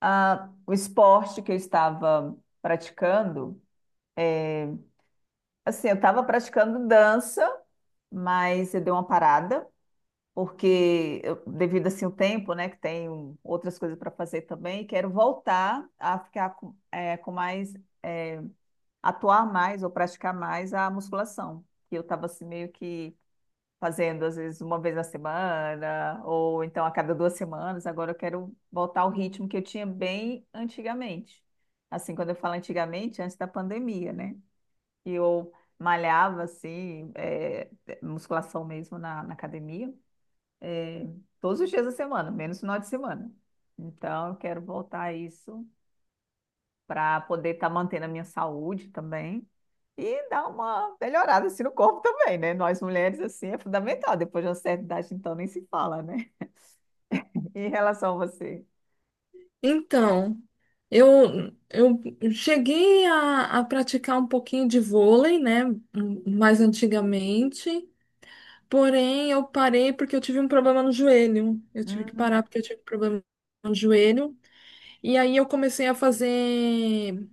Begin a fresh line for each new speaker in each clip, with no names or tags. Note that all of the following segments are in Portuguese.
O esporte que eu estava praticando. Assim, eu estava praticando dança, mas eu dei uma parada, porque devido assim o tempo, né, que tenho outras coisas para fazer também, quero voltar a ficar com, com mais, atuar mais ou praticar mais a musculação, que eu estava assim meio que fazendo às vezes uma vez na semana, ou então a cada duas semanas. Agora eu quero voltar ao ritmo que eu tinha bem antigamente. Assim, quando eu falo antigamente, antes da pandemia, né? E eu malhava assim, musculação mesmo na, academia, é, todos os dias da semana, menos final de semana. Então eu quero voltar a isso para poder estar mantendo a minha saúde também e dá uma melhorada assim no corpo também, né? Nós mulheres, assim, é fundamental. Depois de uma certa idade, então, nem se fala, né? Em relação a você.
Então, eu cheguei a praticar um pouquinho de vôlei, né? Mais antigamente. Porém, eu parei porque eu tive um problema no joelho. Eu tive que
Hum,
parar porque eu tive um problema no joelho. E aí eu comecei a fazer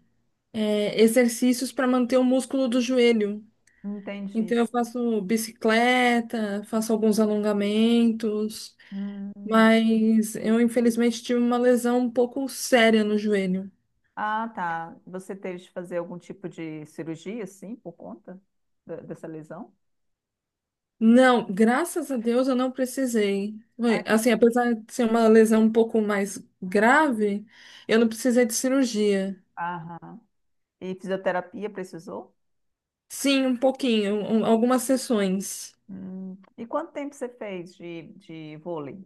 exercícios para manter o músculo do joelho.
entendi.
Então, eu faço bicicleta, faço alguns alongamentos.
Hum.
Mas eu, infelizmente, tive uma lesão um pouco séria no joelho.
Ah, tá. Você teve de fazer algum tipo de cirurgia, assim, por conta dessa lesão?
Não, graças a Deus eu não precisei.
Ai,
Foi,
que
assim,
bom.
apesar de ser uma lesão um pouco mais grave, eu não precisei de cirurgia.
Aham. E fisioterapia precisou?
Sim, um pouquinho, algumas sessões.
Hum. E quanto tempo você fez de, vôlei?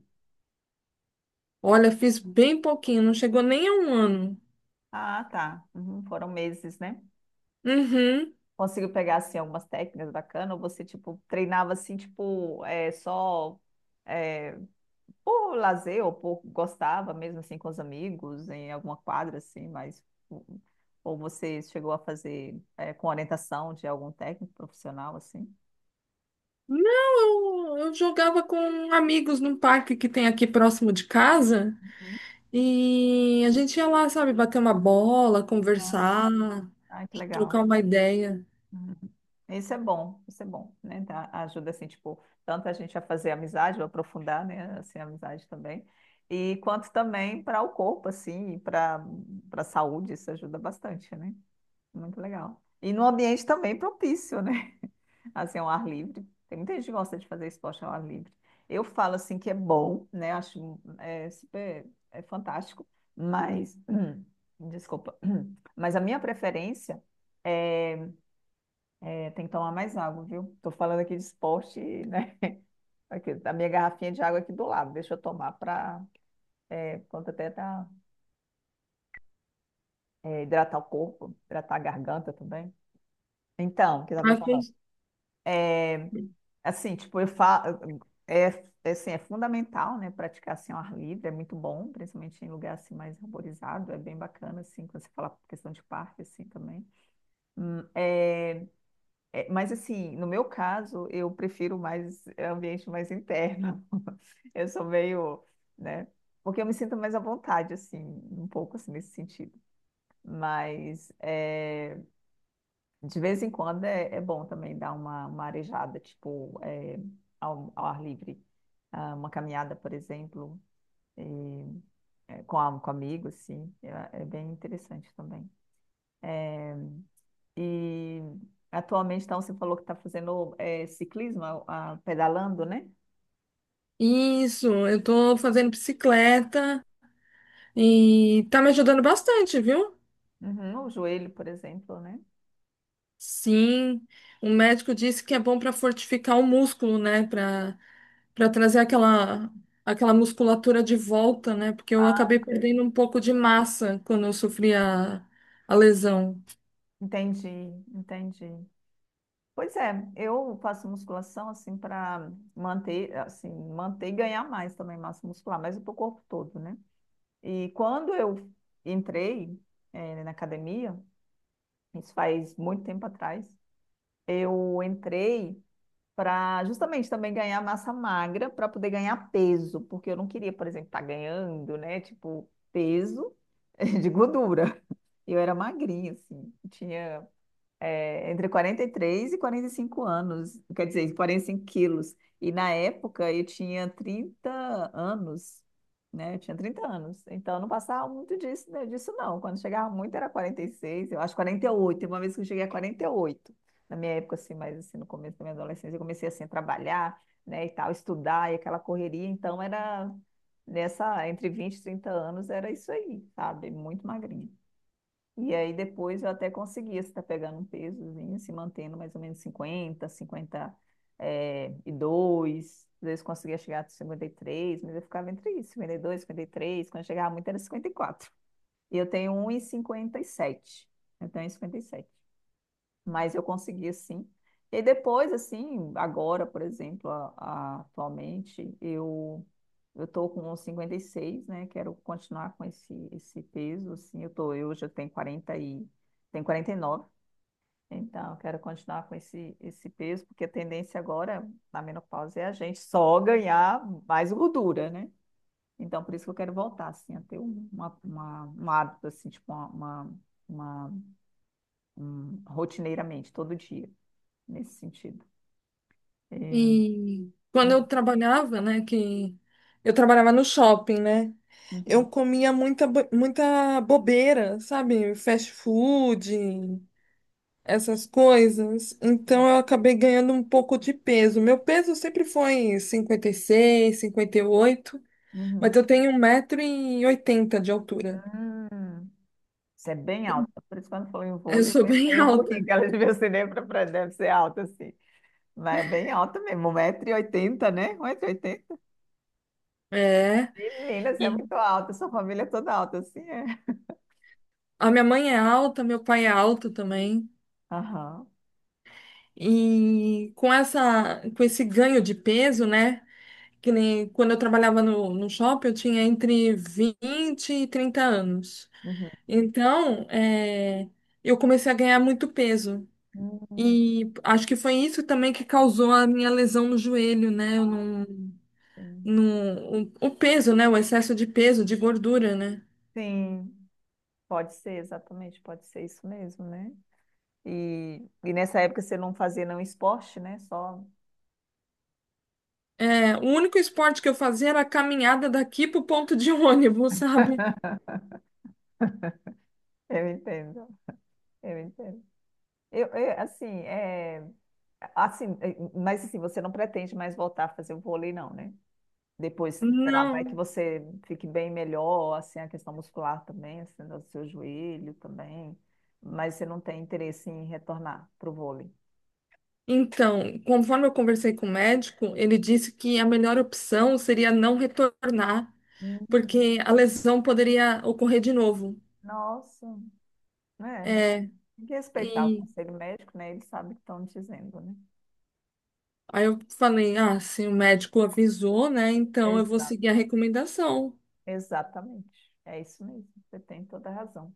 Olha, fiz bem pouquinho, não chegou nem a um ano.
Ah, tá. Uhum, foram meses, né?
Uhum.
Conseguiu pegar, assim, algumas técnicas bacanas? Ou você, tipo, treinava, assim, tipo, só é, por lazer ou por gostava mesmo, assim, com os amigos, em alguma quadra, assim, mas... hum, hum, ou você chegou a fazer com orientação de algum técnico profissional, assim?
Não, eu jogava com amigos num parque que tem aqui próximo de casa
Uhum.
e a gente ia lá, sabe, bater uma bola, conversar,
Ah, que legal.
trocar uma ideia.
Uhum. Isso é bom, né? Ajuda, assim, tipo, tanto a gente a fazer amizade, ou aprofundar, né, assim, a amizade também, e quanto também para o corpo, assim, para a saúde, isso ajuda bastante, né? Muito legal. E no ambiente também propício, né? Assim, ao ar livre. Tem muita gente que gosta de fazer esporte ao ar livre. Eu falo, assim, que é bom, né? Acho super, é fantástico, mas, desculpa, mas a minha preferência é é. Tem que tomar mais água, viu? Tô falando aqui de esporte, né? Aqui, a minha garrafinha de água é aqui do lado, deixa eu tomar para, quanto até tá, hidratar o corpo, hidratar a garganta também. Então, o que eu tava
Ah,
falando?
fez.
Assim, tipo, eu falo, é, assim, é fundamental, né? Praticar assim ao ar livre, é muito bom, principalmente em lugar assim mais arborizado, é bem bacana, assim, quando você fala questão de parque, assim, também. Hum, é, mas assim, no meu caso, eu prefiro mais ambiente mais interno. Eu sou meio, né? Porque eu me sinto mais à vontade, assim, um pouco assim nesse sentido. Mas de vez em quando é bom também dar uma, arejada, tipo, ao, ar livre. Ah, uma caminhada, por exemplo, com amigos, sim. É, é bem interessante também. E atualmente, então, você falou que está fazendo ciclismo, ah, pedalando, né?
Isso, eu tô fazendo bicicleta e tá me ajudando bastante, viu?
Uhum, o joelho, por exemplo, né?
Sim, o médico disse que é bom para fortificar o músculo, né? Para trazer aquela musculatura de volta, né? Porque eu acabei perdendo um pouco de massa quando eu sofri a lesão.
Entendi, entendi. Pois é, eu faço musculação assim para manter, assim, manter e ganhar mais também massa muscular, mas para o corpo todo, né? E quando eu entrei, na academia, isso faz muito tempo atrás, eu entrei para justamente também ganhar massa magra para poder ganhar peso, porque eu não queria, por exemplo, estar ganhando, né? Tipo, peso de gordura. Eu era magrinha, assim, tinha entre 43 e 45 anos, quer dizer, 45 quilos. E na época eu tinha 30 anos, né? Eu tinha 30 anos. Então eu não passava muito disso, né, disso não. Quando chegava muito era 46, eu acho 48. Teve uma vez que eu cheguei a 48. Na minha época, assim, mas assim, no começo da minha adolescência, eu comecei assim a trabalhar, né, e tal, estudar e aquela correria. Então era nessa, entre 20 e 30 anos, era isso aí, sabe? Muito magrinha. E aí depois eu até conseguia estar pegando um pesozinho, se mantendo mais ou menos cinquenta, 50 e dois. Às vezes conseguia chegar a 53, mas eu ficava entre isso, cinquenta, 52, 53. Quando chegava muito era 54, e eu tenho 1,57. Eu tenho 1,57, mas eu consegui, sim. E aí depois, assim, agora, por exemplo, atualmente, eu tô com uns 56, né? Quero continuar com esse peso, assim, eu hoje eu tenho 40 e tenho 49, então eu quero continuar com esse peso, porque a tendência agora, na menopausa, é a gente só ganhar mais gordura, né? Então, por isso que eu quero voltar, assim, a ter um hábito, assim, tipo, uma- rotineiramente, todo dia nesse sentido. Eu-
E quando eu
Uhum,
trabalhava, né? Que eu trabalhava no shopping, né? Eu
uhum,
comia muita, muita bobeira, sabe? Fast food, essas coisas, então eu acabei ganhando um pouco de peso. Meu peso sempre foi cinquenta, cinquenta e seis, cinquenta e oito, mas
uhum.
eu tenho 1,80 de altura.
Hum, isso é bem alto. Por isso, quando falou em
Eu
vôlei, eu
sou bem
pensei, eu vou rir,
alta.
que ela devia ser nem pra frente, deve ser alta, assim. Mas é bem alta mesmo, 1,80 m, né? 1,80 m.
É.
Menina, você é
E
muito alta, sua família é toda alta, assim, é.
a minha mãe é alta, meu pai é alto também.
Aham.
E com com esse ganho de peso, né? Que nem quando eu trabalhava no shopping, eu tinha entre 20 e 30 anos.
Uhum.
Então, eu comecei a ganhar muito peso.
Hum,
E acho que foi isso também que causou a minha lesão no joelho, né? Eu não,
sim.
não, o peso, né? O excesso de peso, de gordura, né?
Sim, pode ser, exatamente, pode ser isso mesmo, né? E nessa época você não fazia nenhum esporte, né? Só.
É, o único esporte que eu fazia era a caminhada daqui pro ponto de ônibus, sabe?
Eu entendo, eu entendo. Assim, assim, mas assim, você não pretende mais voltar a fazer o vôlei, não, né? Depois, sei lá, vai que
Não.
você fique bem melhor, assim, a questão muscular também, assim, do seu joelho também, mas você não tem interesse em retornar para o vôlei.
Então, conforme eu conversei com o médico, ele disse que a melhor opção seria não retornar,
Hum,
porque a lesão poderia ocorrer de novo.
Nossa, é, né?
É,
Tem que respeitar o
e
conselho médico, né? Eles sabem o que estão dizendo, né?
aí eu falei, ah, se o médico avisou, né? Então eu vou
Exa-
seguir a recomendação.
exatamente. É isso mesmo. Você tem toda a razão.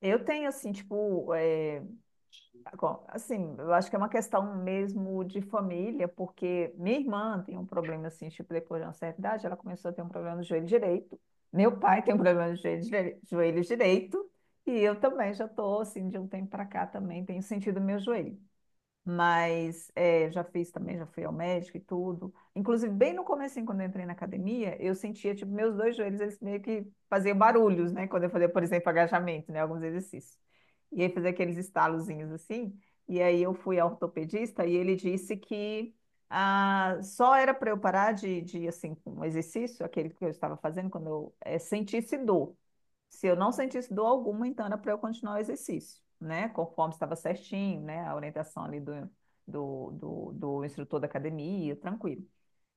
Eu tenho, assim, tipo, tá bom, assim, eu acho que é uma questão mesmo de família, porque minha irmã tem um problema assim, tipo, depois de uma certa idade, ela começou a ter um problema no joelho direito. Meu pai tem um problema no joelho, joelho direito, e eu também já estou assim de um tempo para cá também tenho sentido meu joelho. Mas já fiz também, já fui ao médico e tudo. Inclusive, bem no começo, quando eu entrei na academia, eu sentia, tipo, meus dois joelhos, eles meio que faziam barulhos, né? Quando eu fazia, por exemplo, agachamento, né? Alguns exercícios. E aí fazia aqueles estalozinhos assim. E aí eu fui ao ortopedista e ele disse que ah, só era para eu parar de, assim, um exercício, aquele que eu estava fazendo, quando eu sentisse dor. Se eu não sentisse dor alguma, então era para eu continuar o exercício, né? Conforme estava certinho, né? A orientação ali do instrutor da academia, tranquilo.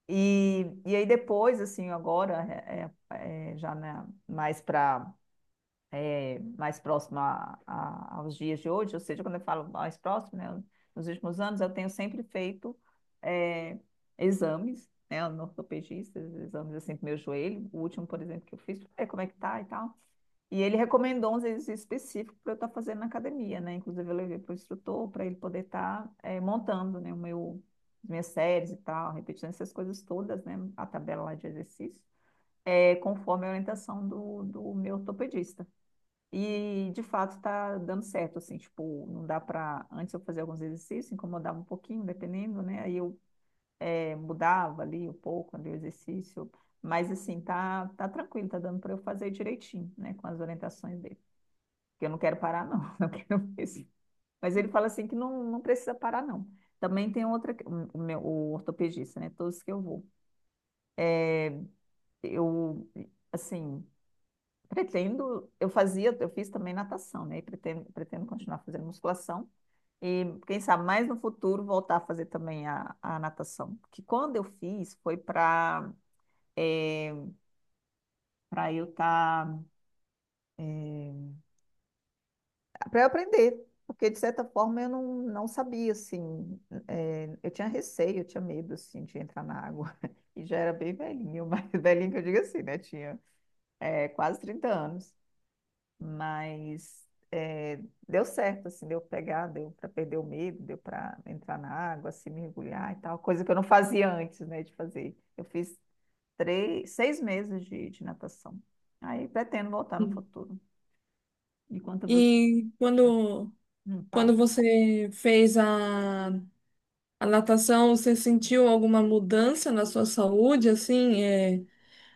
E aí depois, assim, agora, já né, mais para mais próximo aos dias de hoje, ou seja, quando eu falo mais próximo, né, nos últimos anos, eu tenho sempre feito é, exames, né, no ortopedista, exames assim do meu joelho. O último, por exemplo, que eu fiz, é como é que tá e tal. E ele recomendou uns exercícios específicos para eu estar fazendo na academia, né? Inclusive, eu levei para o instrutor para ele poder estar montando, né, as minhas séries e tal, repetindo essas coisas todas, né? A tabela lá de exercício, conforme a orientação do meu ortopedista. E, de fato, está dando certo, assim, tipo, não dá para. Antes eu fazia alguns exercícios, incomodava um pouquinho, dependendo, né? Aí eu mudava ali um pouco, ali o exercício, mas, assim, tá tranquilo, tá dando para eu fazer direitinho, né? Com as orientações dele que eu não quero parar, não, não quero mesmo. Mas ele fala assim que não, não precisa parar, não. Também tem outra, o ortopedista, né? Todos que eu vou. Eu, assim, pretendo, eu fazia, eu fiz também natação, né? E pretendo continuar fazendo musculação. E quem sabe mais no futuro voltar a fazer também a, natação. Que quando eu fiz foi para é, para eu estar tá, é, para eu aprender, porque de certa forma eu não sabia, assim, eu tinha receio, eu tinha medo, assim, de entrar na água, e já era bem velhinho, mas velhinho que eu digo assim, né, tinha quase 30 anos, mas deu certo, assim, deu pegar, deu para perder o medo, deu para entrar na água, se mergulhar e tal, coisa que eu não fazia antes, né, de fazer. Eu fiz 3, 6 meses de, natação, aí pretendo voltar no
Sim.
futuro. E quanto a você,
E
não.
quando você fez a natação, você sentiu alguma mudança na sua saúde, assim,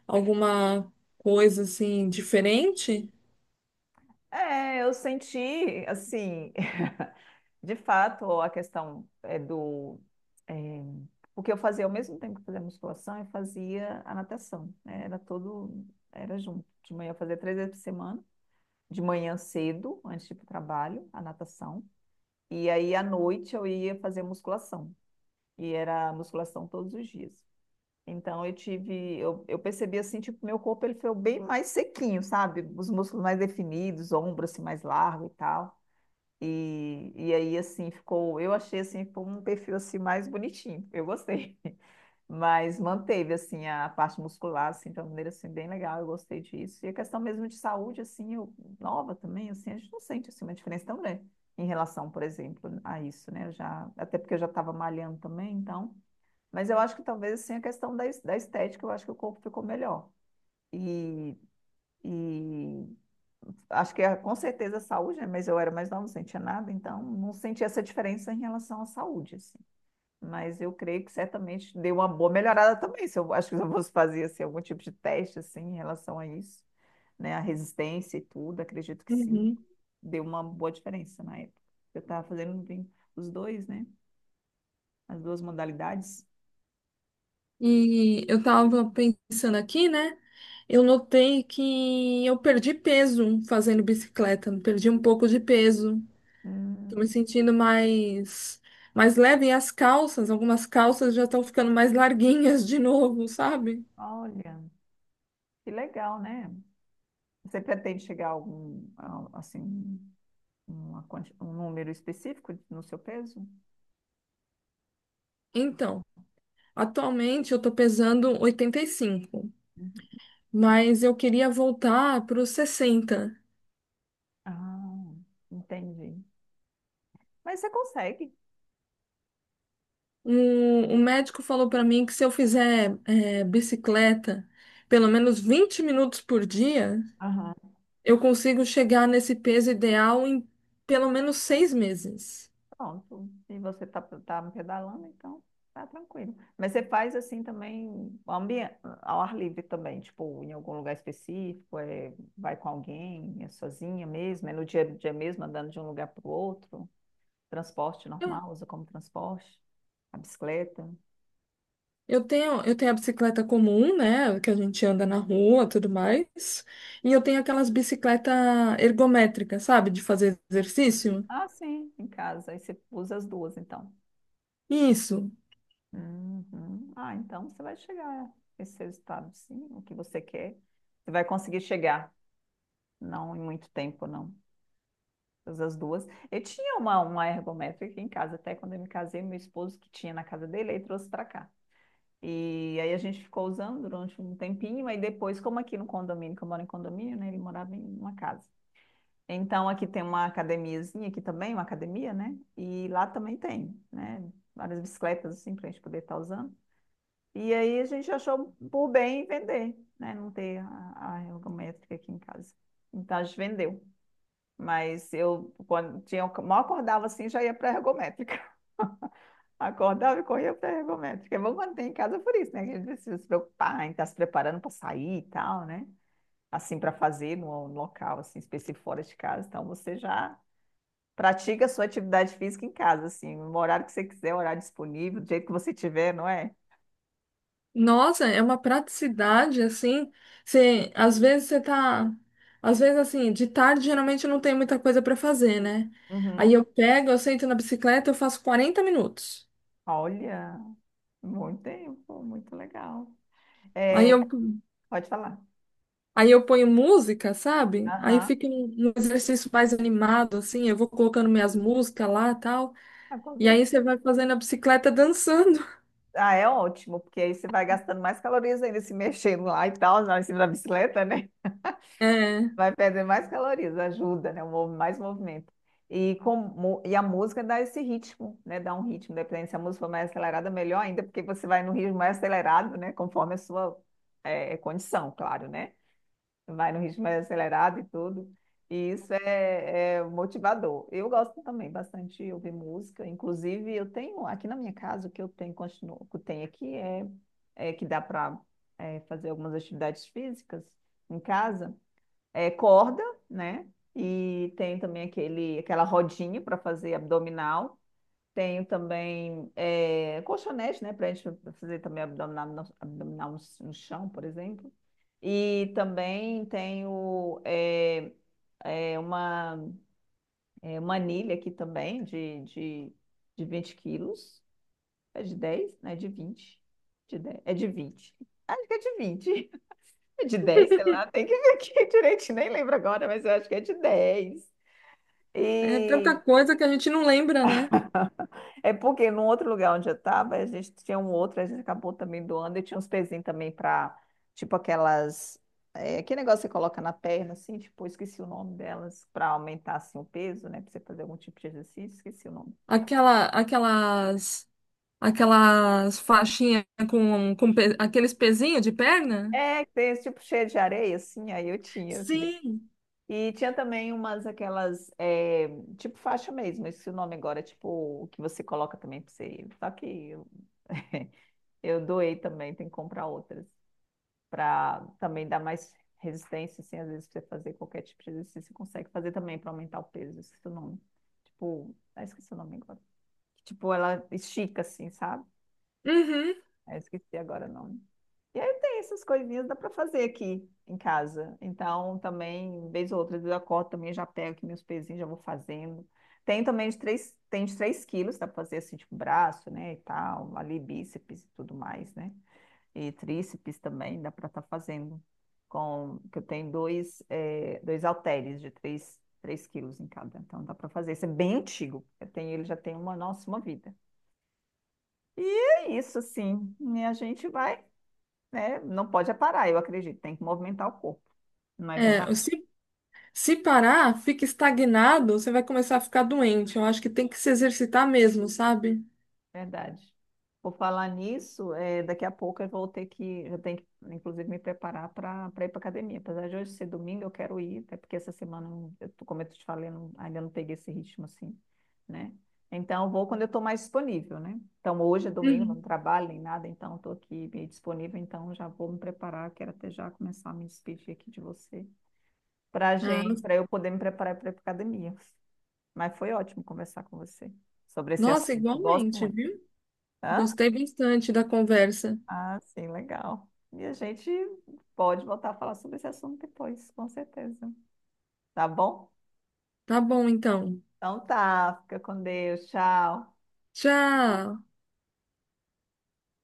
alguma coisa assim diferente?
É, eu senti, assim, de fato, a questão é do. é, Porque eu fazia, ao mesmo tempo que fazia musculação, eu fazia a natação, né? Era todo. Era junto. De manhã eu fazia três vezes por semana, de manhã cedo, antes de ir para o trabalho, a natação. E aí, à noite, eu ia fazer musculação. E era musculação todos os dias. Então, eu tive. Eu percebi, assim, tipo, meu corpo ele foi bem mais sequinho, sabe? Os músculos mais definidos, ombro, assim, mais largo e tal. E aí, assim, ficou. Eu achei, assim, ficou um perfil assim mais bonitinho. Eu gostei. Mas manteve, assim, a parte muscular, assim, de uma maneira, assim, bem legal. Eu gostei disso. E a questão mesmo de saúde, assim, eu, nova também, assim, a gente não sente, assim, uma diferença tão grande em relação, por exemplo, a isso, né? Eu já, até porque eu já estava malhando também, então. Mas eu acho que talvez, assim, a questão da estética, eu acho que o corpo ficou melhor. E, e acho que é com certeza saúde, né? Mas eu era mais nova, não sentia nada, então não senti essa diferença em relação à saúde, assim. Mas eu creio que certamente deu uma boa melhorada também. Se eu acho que eu fosse fazer assim, algum tipo de teste assim em relação a isso, né, a resistência e tudo, acredito que sim.
Uhum.
Deu uma boa diferença na época. Eu estava fazendo os dois, né? As duas modalidades.
E eu tava pensando aqui, né? Eu notei que eu perdi peso fazendo bicicleta, perdi um pouco de peso. Tô me
Hum,
sentindo mais leve e as calças, algumas calças já estão ficando mais larguinhas de novo, sabe?
olha, que legal, né? Você pretende chegar a algum, a- assim, uma quanti- um número específico no seu peso?
Então, atualmente eu tô pesando 85,
Uhum.
mas eu queria voltar para os 60.
Ah, entendi. Mas você consegue,
O, o médico falou para mim que se eu fizer bicicleta pelo menos 20 minutos por dia,
aham.
eu consigo chegar nesse peso ideal em pelo menos 6 meses.
Pronto. E você tá pedalando, então tá tranquilo. Mas você faz assim também ao ar livre também, tipo, em algum lugar específico, é, vai com alguém, é sozinha mesmo, é no dia a dia mesmo, andando de um lugar para o outro, transporte
Eu
normal, usa como transporte, a bicicleta.
eu tenho a bicicleta comum, né, que a gente anda na rua, tudo mais, e eu tenho aquelas bicicletas ergométricas, sabe, de fazer exercício.
Ah, sim, em casa. Aí você usa as duas, então.
Isso.
Uhum. Ah, então você vai chegar a esse resultado, sim, o que você quer. Você vai conseguir chegar, não em muito tempo, não. Todas as duas. Eu tinha uma ergométrica aqui em casa, até quando eu me casei, meu esposo que tinha na casa dele, aí trouxe para cá. E aí a gente ficou usando durante um tempinho, aí depois, como aqui no condomínio, que eu moro em condomínio, né? Ele morava em uma casa. Então aqui tem uma academiazinha aqui também, uma academia, né? E lá também tem, né? Várias bicicletas assim para a gente poder estar usando. E aí a gente achou por bem vender, né? Não ter a ergométrica aqui em casa. Então a gente vendeu. Mas eu, quando tinha, mal acordava assim, já ia para a ergométrica. Acordava e corria para a ergométrica. É bom quando tem em casa por isso, né? Que a gente precisa se preocupar em estar se preparando para sair e tal, né? Assim, para fazer no local, assim, específico fora de casa. Então você já pratica a sua atividade física em casa, assim, no horário que você quiser, horário disponível, do jeito que você tiver, não é?
Nossa, é uma praticidade assim. Você, às vezes você tá, às vezes assim, de tarde geralmente eu não tem muita coisa para fazer, né?
Uhum.
Aí eu pego, eu sento na bicicleta, eu faço 40 minutos.
Olha. Muito tempo, muito legal.
Aí
É,
eu,
pode falar.
aí eu ponho música, sabe? Aí
Aham,
fica um exercício mais animado assim, eu vou colocando minhas músicas lá, tal.
ah, com
E aí
certeza.
você vai fazendo a bicicleta dançando.
Ah, é ótimo, porque aí você vai gastando mais calorias ainda se mexendo lá e tal, lá em cima da bicicleta, né?
É,
Vai perder mais calorias, ajuda, né? Um mov- mais movimento. E, com, mu- e a música dá esse ritmo, né? Dá um ritmo, dependendo se a música for mais acelerada, melhor ainda, porque você vai no ritmo mais acelerado, né? Conforme a sua condição, claro, né? Vai no ritmo mais acelerado e tudo. E isso é motivador. Eu gosto também bastante de ouvir música. Inclusive, eu tenho aqui na minha casa, o que eu tenho, continuo, o que eu tenho aqui é, é que dá para fazer algumas atividades físicas em casa. É corda, né? E tem também aquele, aquela rodinha para fazer abdominal. Tenho também colchonete, né, para a gente fazer também abdominal no, no chão, por exemplo. E também tenho eh, uma, uma anilha aqui também de 20 quilos. É de 10, né? De 20? De 10? É de 20. Acho que é de 20. É de 10? Sei lá, tem que ver aqui direitinho, nem lembro agora, mas eu acho que é de 10.
é tanta
E
coisa que a gente não lembra, né?
é porque no outro lugar onde eu estava, a gente tinha um outro, a gente acabou também doando e tinha uns pezinhos também para, tipo aquelas, é, que negócio que você coloca na perna, assim, tipo, eu esqueci o nome delas, para aumentar, assim, o peso, né, para você fazer algum tipo de exercício, esqueci o nome.
Aquela, aquelas Aquelas faixinhas com, aqueles pezinhos de perna?
É, que tem esse tipo cheio de areia, assim, aí eu tinha, que dei.
Sim.
E tinha também umas aquelas, é, tipo faixa mesmo, esse o nome agora, tipo, o que você coloca também para você ir. Só que eu, eu doei também, tem que comprar outras, para também dar mais resistência, assim, às vezes você fazer qualquer tipo de exercício, você consegue fazer também para aumentar o peso, esqueci o nome. Tipo, ah, esqueci o nome agora. Tipo, ela estica assim, sabe?
Uhum.
Ah, esqueci agora o nome. E aí tem essas coisinhas, dá para fazer aqui em casa. Então, também, vez ou outra, às vezes eu acordo também, já pego aqui meus pezinhos, já vou fazendo. Tem também de 3 tem de 3 quilos, dá para fazer assim, tipo, braço, né, e tal, ali bíceps e tudo mais, né? E tríceps também, dá para estar fazendo. Com, que eu tenho dois, é, dois halteres de 3 3 quilos em cada. Então dá para fazer. Isso é bem antigo. Eu tenho, ele já tem uma, nossa, uma vida. E é isso, assim. E a gente vai, né? Não pode é parar, eu acredito. Tem que movimentar o corpo, não é
É,
verdade?
se parar, fica estagnado, você vai começar a ficar doente. Eu acho que tem que se exercitar mesmo, sabe?
Verdade. Por falar nisso, daqui a pouco eu vou ter que, eu tenho que, inclusive, me preparar para ir para academia. Apesar de hoje ser domingo, eu quero ir, até porque essa semana, eu não- eu tô- como eu te falei, eu não- ainda não peguei esse ritmo assim, né? Então, eu vou quando eu estou mais disponível, né? Então, hoje é domingo, não
Uhum.
trabalho nem nada, então estou aqui meio disponível, então já vou me preparar. Quero até já começar a me despedir aqui de você, para
Ah,
gente, para eu poder me preparar para ir para academia. Mas foi ótimo conversar com você sobre esse
nossa,
assunto. Eu gosto
igualmente,
muito.
viu?
Hã?
Gostei bastante da conversa.
Ah, sim, legal. E a gente pode voltar a falar sobre esse assunto depois, com certeza. Tá bom?
Tá bom, então.
Então tá, fica com Deus, tchau.
Tchau.